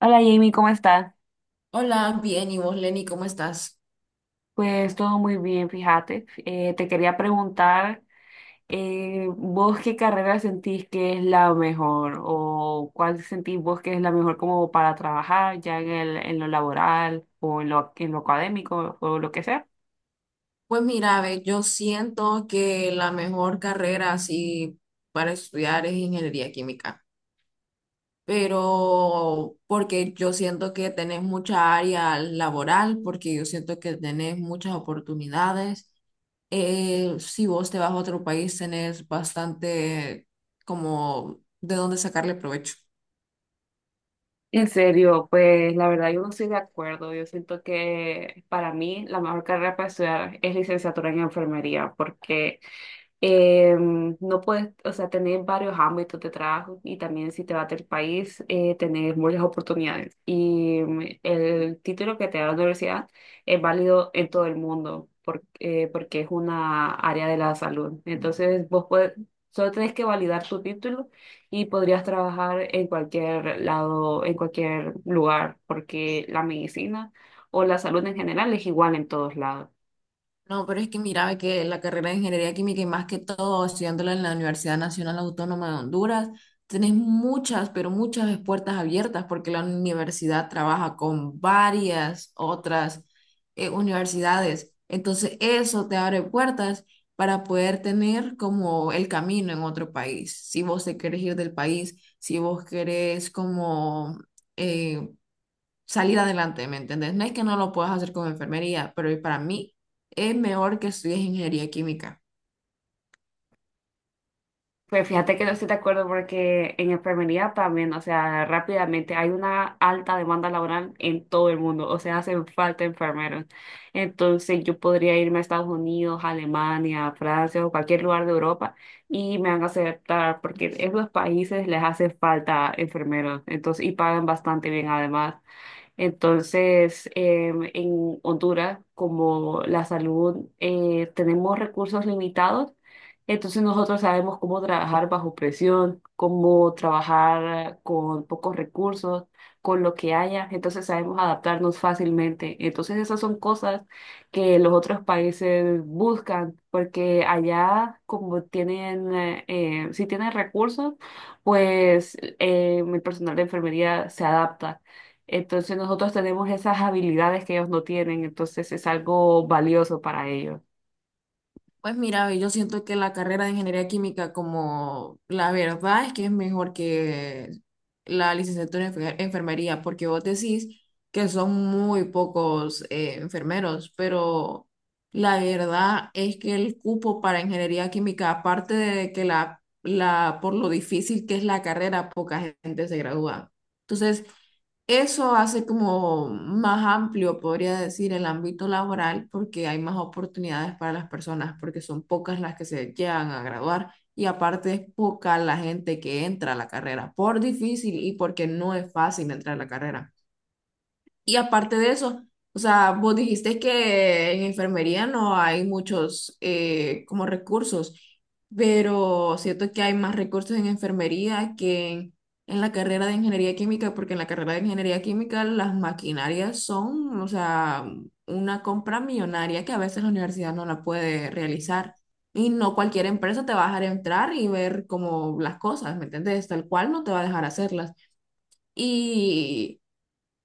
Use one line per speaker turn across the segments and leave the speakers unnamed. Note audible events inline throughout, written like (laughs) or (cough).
Hola Jamie, ¿cómo estás?
Hola, bien, ¿y vos, Lenny, cómo estás?
Pues todo muy bien, fíjate. Te quería preguntar, ¿vos qué carrera sentís que es la mejor? ¿O cuál sentís vos que es la mejor como para trabajar ya en lo laboral o en lo académico o lo que sea?
Pues mira, ve, yo siento que la mejor carrera así para estudiar es ingeniería química, pero porque yo siento que tenés mucha área laboral, porque yo siento que tenés muchas oportunidades. Si vos te vas a otro país, tenés bastante como de dónde sacarle provecho.
En serio, pues la verdad yo no estoy de acuerdo. Yo siento que para mí la mejor carrera para estudiar es licenciatura en enfermería porque no puedes, o sea, tener varios ámbitos de trabajo y también si te vas del país, tener muchas oportunidades. Y el título que te da la universidad es válido en todo el mundo porque es una área de la salud. Entonces, vos puedes, solo tenés que validar tu título y podrías trabajar en cualquier lado, en cualquier lugar, porque la medicina o la salud en general es igual en todos lados.
No, pero es que miraba que la carrera de ingeniería química y más que todo estudiándola en la Universidad Nacional Autónoma de Honduras, tenés muchas, pero muchas puertas abiertas porque la universidad trabaja con varias otras universidades. Entonces eso te abre puertas para poder tener como el camino en otro país. Si vos te querés ir del país, si vos querés como eh, salir adelante, ¿me entiendes? No es que no lo puedas hacer con enfermería, pero para mí es mejor que estudies ingeniería química.
Pues fíjate que no estoy de acuerdo porque en enfermería también, o sea, rápidamente hay una alta demanda laboral en todo el mundo, o sea, hacen falta enfermeros. Entonces yo podría irme a Estados Unidos, Alemania, Francia o cualquier lugar de Europa y me van a aceptar porque en los países les hace falta enfermeros, entonces, y pagan bastante bien además. Entonces, en Honduras, como la salud, tenemos recursos limitados, entonces nosotros sabemos cómo trabajar bajo presión, cómo trabajar con pocos recursos, con lo que haya, entonces sabemos adaptarnos fácilmente. Entonces, esas son cosas que los otros países buscan, porque allá, como tienen, si tienen recursos, pues el personal de enfermería se adapta. Entonces nosotros tenemos esas habilidades que ellos no tienen, entonces es algo valioso para ellos.
Pues mira, yo siento que la carrera de ingeniería química, como la verdad es que es mejor que la licenciatura en enfermería, porque vos decís que son muy pocos enfermeros, pero la verdad es que el cupo para ingeniería química, aparte de que la por lo difícil que es la carrera, poca gente se gradúa. Entonces, eso hace como más amplio, podría decir, el ámbito laboral porque hay más oportunidades para las personas, porque son pocas las que se llegan a graduar y aparte es poca la gente que entra a la carrera por difícil y porque no es fácil entrar a la carrera. Y aparte de eso, o sea, vos dijiste que en enfermería no hay muchos como recursos, pero siento que hay más recursos en enfermería que en la carrera de ingeniería química, porque en la carrera de ingeniería química las maquinarias son, o sea, una compra millonaria que a veces la universidad no la puede realizar. Y no cualquier empresa te va a dejar entrar y ver como las cosas, ¿me entiendes? Tal cual no te va a dejar hacerlas. Y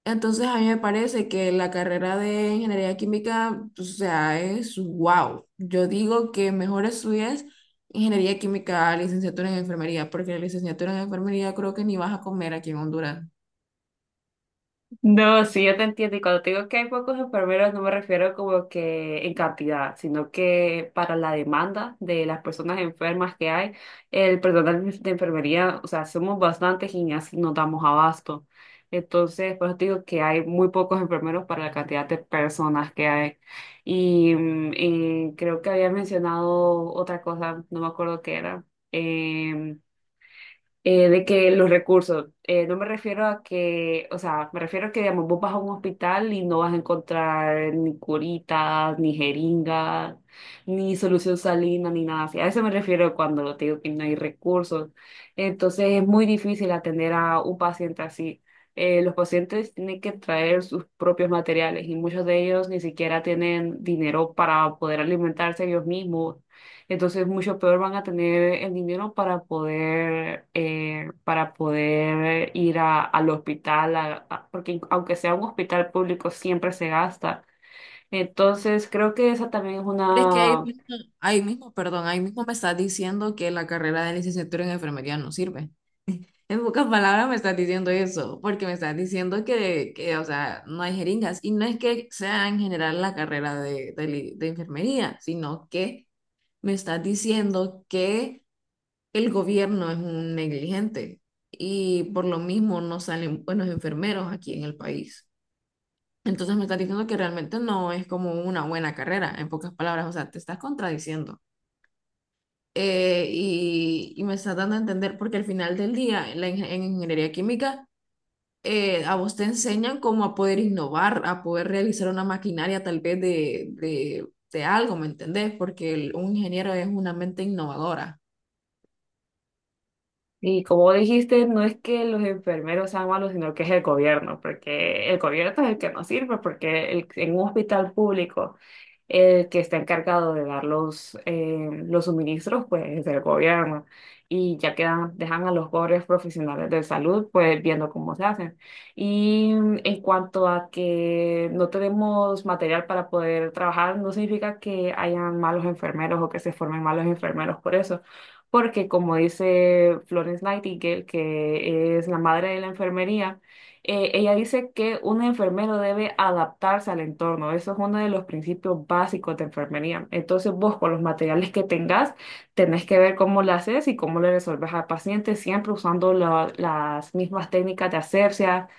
entonces a mí me parece que la carrera de ingeniería química, o sea, es wow. Yo digo que mejor estudies ingeniería química, licenciatura en enfermería, porque la licenciatura en enfermería creo que ni vas a comer aquí en Honduras.
No, sí, yo te entiendo. Y cuando te digo que hay pocos enfermeros, no me refiero como que en cantidad, sino que para la demanda de las personas enfermas que hay, el personal de enfermería, o sea, somos bastantes y ni así nos damos abasto. Entonces, por eso te digo que hay muy pocos enfermeros para la cantidad de personas que hay. Y, creo que había mencionado otra cosa, no me acuerdo qué era. em, de que los recursos, no me refiero a que, o sea, me refiero a que, digamos, vos vas a un hospital y no vas a encontrar ni curitas, ni jeringas, ni solución salina, ni nada así. A eso me refiero cuando te digo que no hay recursos. Entonces es muy difícil atender a un paciente así. Los pacientes tienen que traer sus propios materiales y muchos de ellos ni siquiera tienen dinero para poder alimentarse ellos mismos, entonces mucho peor van a tener el dinero para poder al hospital, porque aunque sea un hospital público, siempre se gasta. Entonces, creo que esa también es
¿Crees que ahí
una.
mismo, perdón, ahí mismo me estás diciendo que la carrera de licenciatura en enfermería no sirve? En pocas palabras me estás diciendo eso, porque me estás diciendo que, o sea, no hay jeringas. Y no es que sea en general la carrera de de enfermería, sino que me estás diciendo que el gobierno es un negligente y por lo mismo no salen buenos enfermeros aquí en el país. Entonces me estás diciendo que realmente no es como una buena carrera, en pocas palabras, o sea, te estás contradiciendo. Y me estás dando a entender, porque al final del día, en ingeniería química, a vos te enseñan cómo a poder innovar, a poder realizar una maquinaria tal vez de algo, ¿me entendés? Porque un ingeniero es una mente innovadora.
Y como dijiste, no es que los enfermeros sean malos, sino que es el gobierno, porque el gobierno es el que nos sirve, porque en un hospital público, el que está encargado de dar los suministros, pues es el gobierno. Y ya quedan, dejan a los pobres profesionales de salud, pues viendo cómo se hacen. Y en cuanto a que no tenemos material para poder trabajar, no significa que hayan malos enfermeros o que se formen malos enfermeros por eso, porque como dice Florence Nightingale, que es la madre de la enfermería, ella dice que un enfermero debe adaptarse al entorno. Eso es uno de los principios básicos de enfermería. Entonces vos con los materiales que tengas, tenés que ver cómo lo haces y cómo le resolves al paciente, siempre usando las mismas técnicas de asepsia,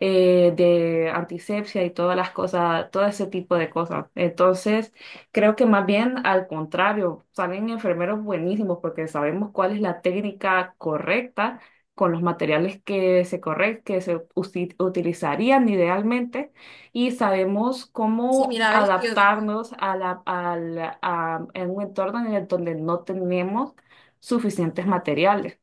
de antisepsia y todas las cosas, todo ese tipo de cosas. Entonces, creo que más bien al contrario, salen enfermeros buenísimos porque sabemos cuál es la técnica correcta con los materiales que se corre- que se usi- utilizarían idealmente y sabemos
Sí,
cómo
mira, ves que yo digo.
adaptarnos a en un entorno en el donde no tenemos suficientes materiales.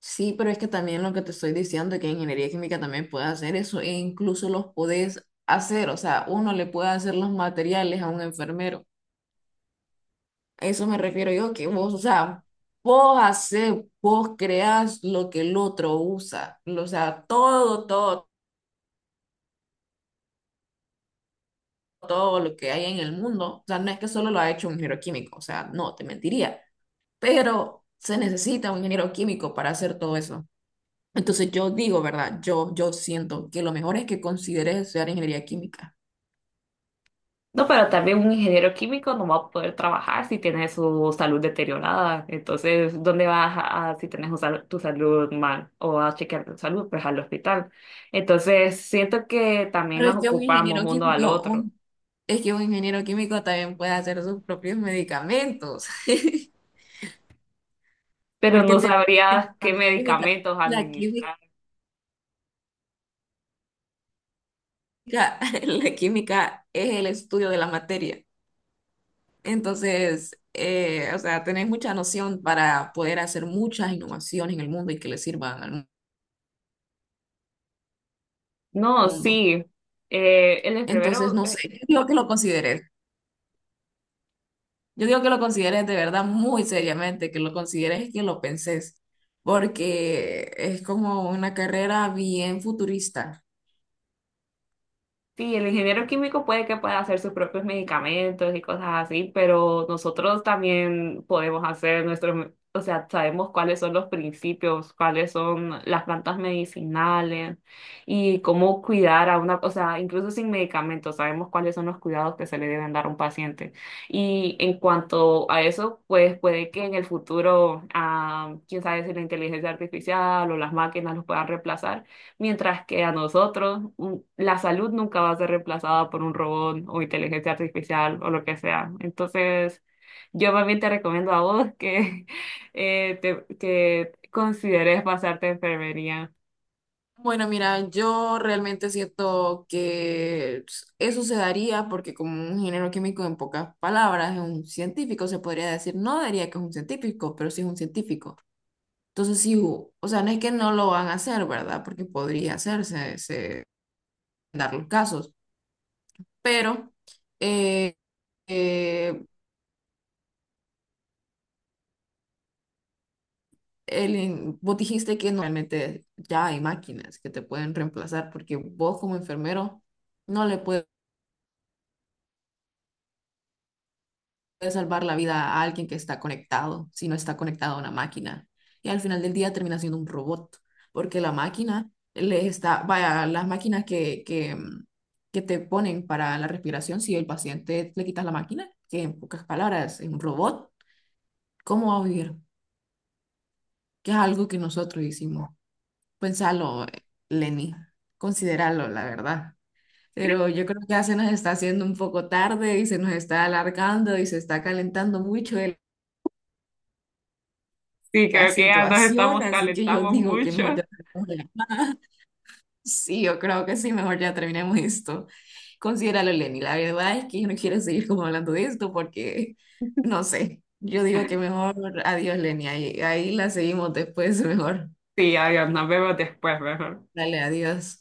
Sí, pero es que también lo que te estoy diciendo, que ingeniería química también puede hacer eso, e incluso los podés hacer, o sea, uno le puede hacer los materiales a un enfermero. A eso me refiero yo, que vos, o sea, vos hacés, vos creás lo que el otro usa, o sea, todo, todo lo que hay en el mundo, o sea, no es que solo lo ha hecho un ingeniero químico, o sea, no, te mentiría, pero se necesita un ingeniero químico para hacer todo eso. Entonces yo digo, ¿verdad? Yo siento que lo mejor es que consideres estudiar ingeniería química.
No, pero también un ingeniero químico no va a poder trabajar si tiene su salud deteriorada. Entonces, ¿dónde vas si tienes tu salud mal o a chequear tu salud? Pues al hospital. Entonces, siento que también
Pero
nos
es que un
ocupamos
ingeniero
uno al
químico,
otro,
un- es que un ingeniero químico también puede hacer sus propios medicamentos, (laughs)
pero
porque
no
tenemos que
sabrías
usar
qué
la química.
medicamentos
La química,
administrar.
(laughs) la química es el estudio de la materia. Entonces, o sea, tenés mucha noción para poder hacer muchas innovaciones en el mundo y que le sirvan al
No,
mundo.
sí. Eh, el
Entonces,
enfermero
no sé, (laughs) yo digo que lo consideres. Yo digo que lo consideres de verdad muy seriamente, que lo consideres y que lo penses, porque es como una carrera bien futurista.
Sí, el ingeniero químico puede que pueda hacer sus propios medicamentos y cosas así, pero nosotros también podemos hacer nuestros, o sea, sabemos cuáles son los principios, cuáles son las plantas medicinales y cómo cuidar a una, o sea, incluso sin medicamentos, sabemos cuáles son los cuidados que se le deben dar a un paciente. Y en cuanto a eso, pues puede que en el futuro, ah, quién sabe si la inteligencia artificial o las máquinas los puedan reemplazar. Mientras que a nosotros la salud nunca va a ser reemplazada por un robot o inteligencia artificial o lo que sea. Entonces, yo más bien te recomiendo a vos que, (laughs) que consideres pasarte a enfermería.
Bueno, mira, yo realmente siento que eso se daría porque como un ingeniero químico en pocas palabras es un científico, se podría decir, no diría que es un científico, pero sí es un científico. Entonces sí, o sea, no es que no lo van a hacer, ¿verdad? Porque podría hacerse, dar los casos, pero eh, eh, el, vos dijiste que normalmente ya hay máquinas que te pueden reemplazar porque vos como enfermero no le puedes salvar la vida a alguien que está conectado si no está conectado a una máquina. Y al final del día termina siendo un robot porque la máquina le está, vaya, las máquinas que que te ponen para la respiración, si el paciente le quitas la máquina, que en pocas palabras es un robot, ¿cómo va a vivir? Que es algo que nosotros hicimos. Pensalo, Lenny, considéralo, la verdad. Pero yo creo que ya se nos está haciendo un poco tarde y se nos está alargando y se está calentando mucho
Sí,
la
creo que ya nos
situación,
estamos
así que yo
calentamos
digo que mejor
mucho.
ya terminemos la llamada. (laughs) Sí, yo creo que sí, mejor ya terminemos esto. Considéralo, Lenny. La verdad es que yo no quiero seguir como hablando de esto porque, no sé, yo digo que mejor adiós, Lenny. Ahí la seguimos después, (laughs) mejor.
Sí, adiós, nos vemos después, mejor.
Dale, adiós.